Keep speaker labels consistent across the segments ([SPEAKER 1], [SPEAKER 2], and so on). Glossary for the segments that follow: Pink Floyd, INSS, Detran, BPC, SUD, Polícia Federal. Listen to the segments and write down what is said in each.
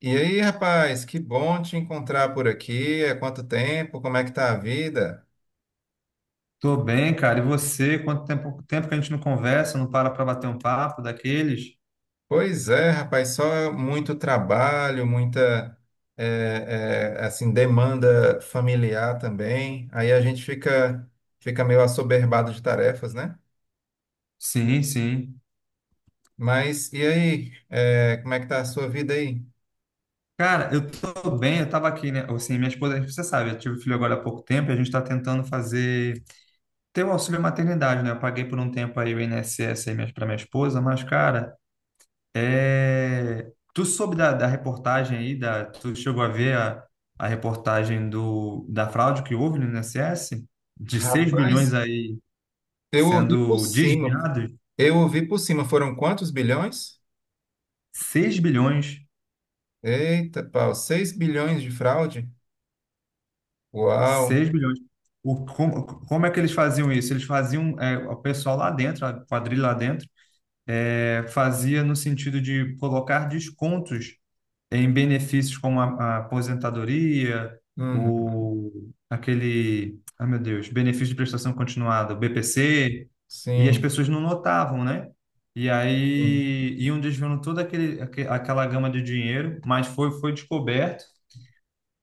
[SPEAKER 1] E aí, rapaz, que bom te encontrar por aqui. Há quanto tempo? Como é que tá a vida?
[SPEAKER 2] Tô bem, cara. E você? Quanto tempo que a gente não conversa, não para para bater um papo daqueles?
[SPEAKER 1] Pois é, rapaz, só muito trabalho, muita assim demanda familiar também. Aí a gente fica meio assoberbado de tarefas, né?
[SPEAKER 2] Sim, sim.
[SPEAKER 1] Mas e aí, como é que tá a sua vida aí?
[SPEAKER 2] Cara, eu tô bem, eu tava aqui, né? Assim, minha esposa, você sabe, eu tive filho agora há pouco tempo e a gente tá tentando fazer, ter o auxílio maternidade, né? Eu paguei por um tempo aí o INSS aí pra minha esposa, mas, cara, Tu soube da reportagem aí, tu chegou a ver a reportagem da fraude que houve no INSS? De 6 bilhões
[SPEAKER 1] Rapaz,
[SPEAKER 2] aí
[SPEAKER 1] eu ouvi por
[SPEAKER 2] sendo
[SPEAKER 1] cima.
[SPEAKER 2] desviados?
[SPEAKER 1] Eu ouvi por cima. Foram quantos bilhões?
[SPEAKER 2] Seis bilhões,
[SPEAKER 1] Eita, pau, seis bilhões de fraude? Uau!
[SPEAKER 2] seis bilhões. Como é que eles faziam isso? Eles faziam, o pessoal lá dentro, a quadrilha lá dentro, fazia no sentido de colocar descontos em benefícios como a aposentadoria,
[SPEAKER 1] Uhum.
[SPEAKER 2] o, aquele, ah meu Deus, benefício de prestação continuada, o BPC, e as
[SPEAKER 1] Sim,
[SPEAKER 2] pessoas não notavam, né? E
[SPEAKER 1] sim.
[SPEAKER 2] aí iam desviando toda aquele, aquela gama de dinheiro, mas foi descoberto.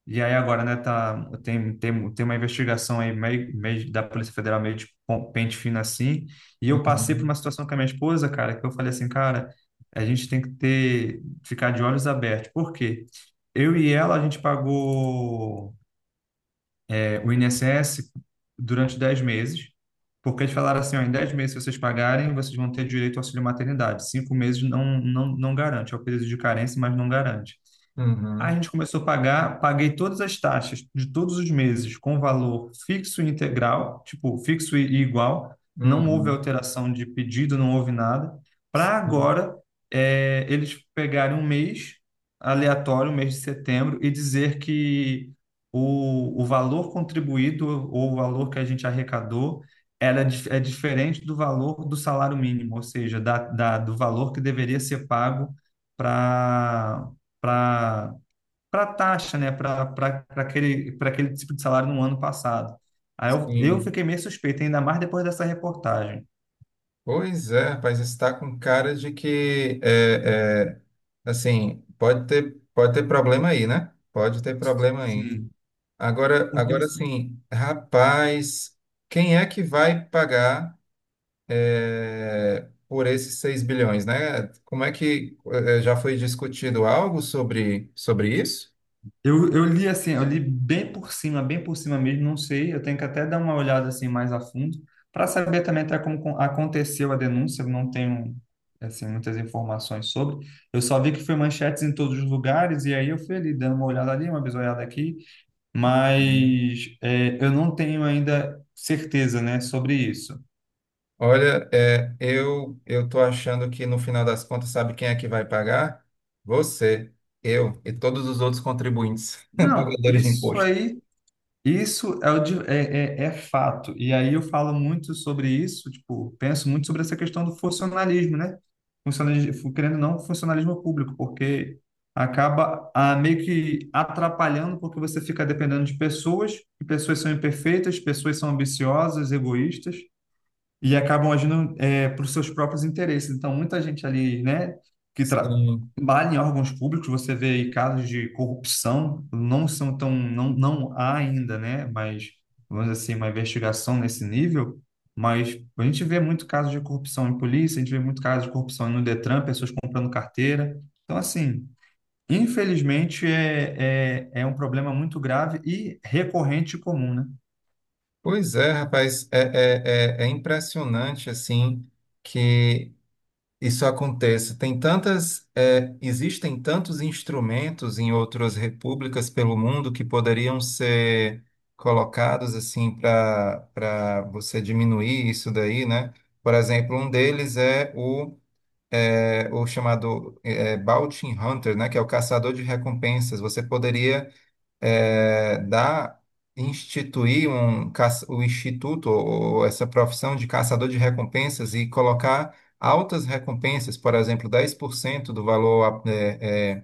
[SPEAKER 2] E aí agora, né, tá, tem uma investigação aí meio da Polícia Federal meio de pente fino assim, e eu passei por uma
[SPEAKER 1] Uhum,
[SPEAKER 2] situação com a minha esposa, cara, que eu falei assim, cara, a gente tem que ter, ficar de olhos abertos. Por quê? Eu e ela, a gente pagou o INSS durante 10 meses, porque eles falaram assim, ó, em 10 meses, se vocês pagarem, vocês vão ter direito ao auxílio maternidade. Cinco meses não garante, é o período de carência, mas não garante. Aí a
[SPEAKER 1] uhum,
[SPEAKER 2] gente começou a pagar, paguei todas as taxas de todos os meses com valor fixo e integral, tipo, fixo e igual, não houve
[SPEAKER 1] uhum,
[SPEAKER 2] alteração de pedido, não houve nada, para
[SPEAKER 1] sim,
[SPEAKER 2] agora eles pegarem um mês aleatório, um mês de setembro, e dizer que o valor contribuído ou o valor que a gente arrecadou era, é diferente do valor do salário mínimo, ou seja, do valor que deveria ser pago para para a taxa, né, para aquele, pra aquele tipo de salário no ano passado. Aí eu
[SPEAKER 1] sim.
[SPEAKER 2] fiquei meio suspeito, ainda mais depois dessa reportagem.
[SPEAKER 1] Pois é, rapaz, está com cara de que, assim, pode ter problema aí, né? Pode ter problema aí.
[SPEAKER 2] Sim.
[SPEAKER 1] Agora,
[SPEAKER 2] Porque
[SPEAKER 1] agora
[SPEAKER 2] assim,
[SPEAKER 1] sim, rapaz, quem é que vai pagar, por esses 6 bilhões, né? Como é que, já foi discutido algo sobre isso?
[SPEAKER 2] eu li assim, eu li bem por cima mesmo, não sei, eu tenho que até dar uma olhada assim mais a fundo, para saber também até como aconteceu a denúncia, eu não tenho assim muitas informações sobre. Eu só vi que foi manchetes em todos os lugares e aí eu fui ali dando uma olhada ali, uma bisoiada aqui, mas é, eu não tenho ainda certeza, né, sobre isso.
[SPEAKER 1] Olha, eu tô achando que no final das contas, sabe quem é que vai pagar? Você, eu e todos os outros contribuintes,
[SPEAKER 2] Não,
[SPEAKER 1] pagadores de
[SPEAKER 2] isso
[SPEAKER 1] imposto.
[SPEAKER 2] aí, isso é, é fato. E aí eu falo muito sobre isso, tipo, penso muito sobre essa questão do funcionalismo, né? Funcionalismo, querendo ou não, funcionalismo público, porque acaba ah, meio que atrapalhando, porque você fica dependendo de pessoas, e pessoas são imperfeitas, pessoas são ambiciosas, egoístas. E acabam agindo para os seus próprios interesses. Então, muita gente ali, né, que
[SPEAKER 1] Sim.
[SPEAKER 2] trabalha em órgãos públicos, você vê aí casos de corrupção, não são tão, não há ainda, né, mas, vamos dizer assim, uma investigação nesse nível, mas a gente vê muito casos de corrupção em polícia, a gente vê muito casos de corrupção no Detran, pessoas comprando carteira. Então, assim, infelizmente, é um problema muito grave e recorrente e comum, né?
[SPEAKER 1] Pois é, rapaz, é impressionante assim que isso acontece. Tem tantas, existem tantos instrumentos em outras repúblicas pelo mundo que poderiam ser colocados assim para você diminuir isso daí, né? Por exemplo, um deles é o chamado Bounty Hunter, né? Que é o caçador de recompensas. Você poderia é, dar instituir o instituto ou essa profissão de caçador de recompensas e colocar altas recompensas, por exemplo, 10% do valor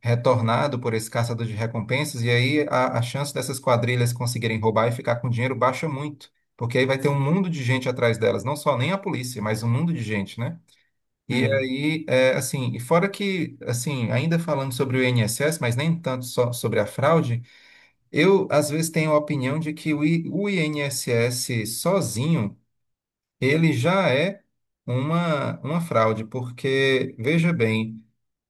[SPEAKER 1] retornado por esse caçador de recompensas, e aí a chance dessas quadrilhas conseguirem roubar e ficar com dinheiro baixa muito. Porque aí vai ter um mundo de gente atrás delas, não só nem a polícia, mas um mundo de gente, né? E
[SPEAKER 2] Sim.
[SPEAKER 1] aí, assim, e fora que, assim, ainda falando sobre o INSS, mas nem tanto só sobre a fraude, eu, às vezes, tenho a opinião de que o INSS sozinho, ele já é uma fraude, porque, veja bem,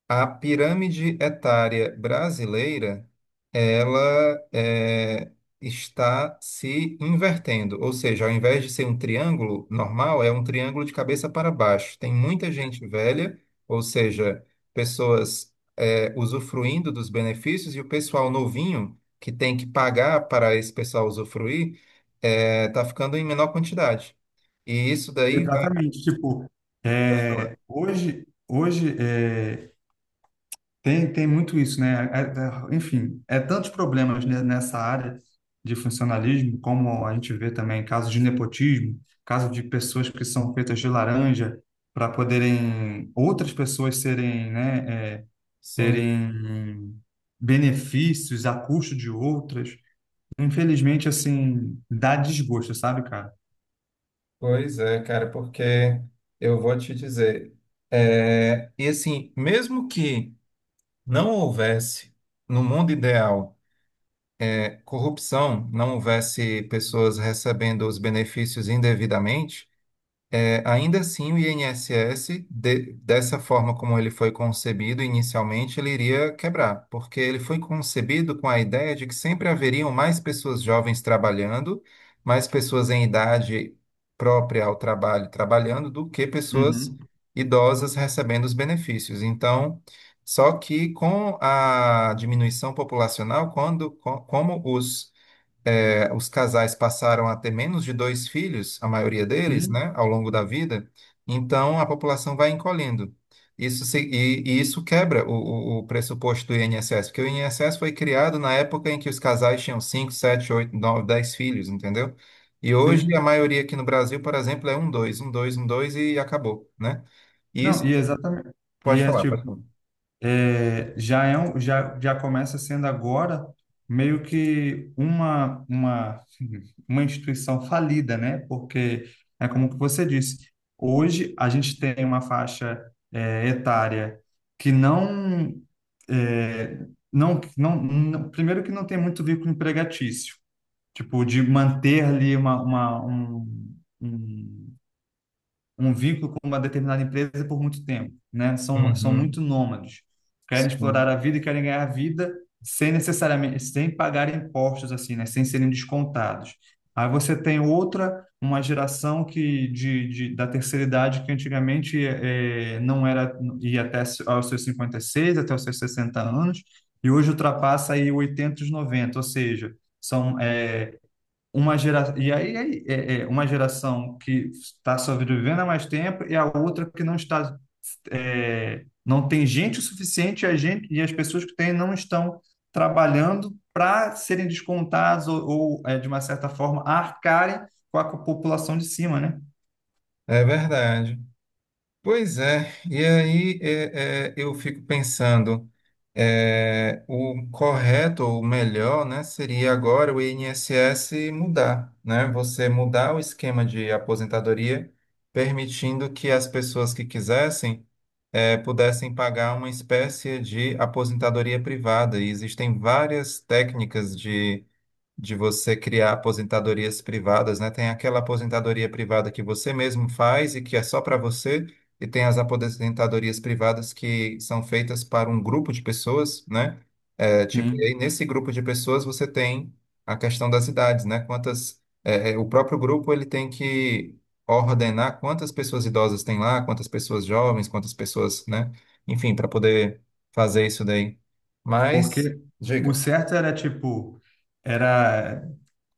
[SPEAKER 1] a pirâmide etária brasileira, ela está se invertendo, ou seja, ao invés de ser um triângulo normal, é um triângulo de cabeça para baixo. Tem muita gente velha, ou seja, pessoas usufruindo dos benefícios e o pessoal novinho que tem que pagar para esse pessoal usufruir está ficando em menor quantidade. E isso daí vai.
[SPEAKER 2] Exatamente, tipo,
[SPEAKER 1] Pode falar.
[SPEAKER 2] é, tem muito isso, né? Enfim, é tantos problemas nessa área de funcionalismo, como a gente vê também casos de nepotismo, caso de pessoas que são feitas de laranja para poderem outras pessoas serem, né, é,
[SPEAKER 1] Sim.
[SPEAKER 2] terem benefícios a custo de outras. Infelizmente, assim, dá desgosto, sabe, cara?
[SPEAKER 1] Pois é, cara, porque eu vou te dizer, e assim, mesmo que não houvesse, no mundo ideal, corrupção, não houvesse pessoas recebendo os benefícios indevidamente, ainda assim, o INSS, dessa forma como ele foi concebido inicialmente, ele iria quebrar, porque ele foi concebido com a ideia de que sempre haveriam mais pessoas jovens trabalhando, mais pessoas em idade própria ao trabalho trabalhando, do que pessoas
[SPEAKER 2] Uhum.
[SPEAKER 1] idosas recebendo os benefícios. Então, só que com a diminuição populacional, quando, como os casais passaram a ter menos de dois filhos, a maioria deles,
[SPEAKER 2] Sim,
[SPEAKER 1] né, ao longo da vida, então a população vai encolhendo. E isso quebra o pressuposto do INSS, porque o INSS foi criado na época em que os casais tinham 5 7 8 9 10 filhos, entendeu? E hoje a
[SPEAKER 2] sim.
[SPEAKER 1] maioria aqui no Brasil, por exemplo, é um, dois, um, dois, um, dois e acabou, né? E
[SPEAKER 2] Não,
[SPEAKER 1] isso,
[SPEAKER 2] e exatamente. E
[SPEAKER 1] pode
[SPEAKER 2] é
[SPEAKER 1] falar,
[SPEAKER 2] tipo,
[SPEAKER 1] pode falar.
[SPEAKER 2] é, já é um, já, já começa sendo agora meio que uma instituição falida, né? Porque é como que você disse, hoje a gente tem uma faixa etária que não, é, primeiro que não tem muito vínculo empregatício, tipo, de manter ali um- um vínculo com uma determinada empresa por muito tempo, né? São muito
[SPEAKER 1] Uhum,
[SPEAKER 2] nômades. Querem explorar
[SPEAKER 1] sim.
[SPEAKER 2] a vida e querem ganhar a vida sem necessariamente, sem pagar impostos, assim, né? Sem serem descontados. Aí você tem outra, uma geração que da terceira idade que antigamente não era, ia até aos seus 56 até os seus 60 anos, e hoje ultrapassa aí 80, 90, ou seja, são, uma gera e é uma geração que está sobrevivendo há mais tempo e a outra que não está é, não tem gente o suficiente e a gente e as pessoas que têm não estão trabalhando para serem descontadas de uma certa forma arcarem com a população de cima, né?
[SPEAKER 1] É verdade. Pois é, e aí eu fico pensando, o correto ou o melhor, né, seria agora o INSS mudar, né? Você mudar o esquema de aposentadoria, permitindo que as pessoas que quisessem pudessem pagar uma espécie de aposentadoria privada. E existem várias técnicas de você criar aposentadorias privadas, né? Tem aquela aposentadoria privada que você mesmo faz e que é só para você, e tem as aposentadorias privadas que são feitas para um grupo de pessoas, né? É, tipo, e
[SPEAKER 2] Sim.
[SPEAKER 1] aí nesse grupo de pessoas você tem a questão das idades, né? Quantas, o próprio grupo ele tem que ordenar quantas pessoas idosas tem lá, quantas pessoas jovens, quantas pessoas, né? Enfim, para poder fazer isso daí. Mas,
[SPEAKER 2] Porque o
[SPEAKER 1] diga.
[SPEAKER 2] certo era tipo era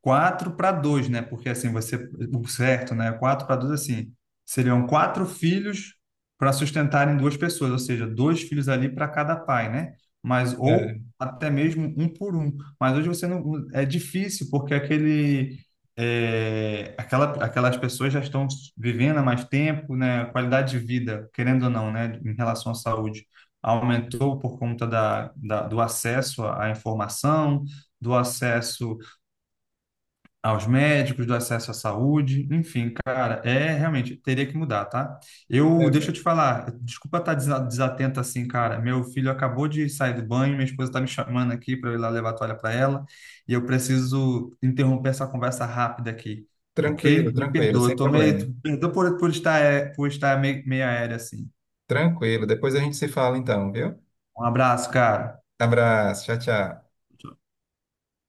[SPEAKER 2] quatro para dois, né? Porque assim, você, o certo, né? Quatro para dois, assim, seriam quatro filhos para sustentarem duas pessoas, ou seja, dois filhos ali para cada pai, né? Mas, ou
[SPEAKER 1] É,
[SPEAKER 2] até mesmo um por um. Mas hoje você não, é difícil, porque aquele, é, aquelas pessoas já estão vivendo há mais tempo, né? A qualidade de vida, querendo ou não, né? Em relação à saúde, aumentou por conta do acesso à informação, do acesso aos médicos, do acesso à saúde, enfim, cara, é realmente teria que mudar, tá?
[SPEAKER 1] é,
[SPEAKER 2] Deixa eu te falar, desculpa estar desatento assim, cara. Meu filho acabou de sair do banho, minha esposa tá me chamando aqui para eu ir lá levar a toalha para ela, e eu preciso interromper essa conversa rápida aqui,
[SPEAKER 1] Tranquilo,
[SPEAKER 2] ok? Me
[SPEAKER 1] tranquilo,
[SPEAKER 2] perdoa,
[SPEAKER 1] sem
[SPEAKER 2] eu tô
[SPEAKER 1] problema.
[SPEAKER 2] meio, perdoa por estar, é, por estar meio, meio aéreo assim.
[SPEAKER 1] Tranquilo. Depois a gente se fala então, viu?
[SPEAKER 2] Um abraço, cara.
[SPEAKER 1] Abraço, tchau, tchau.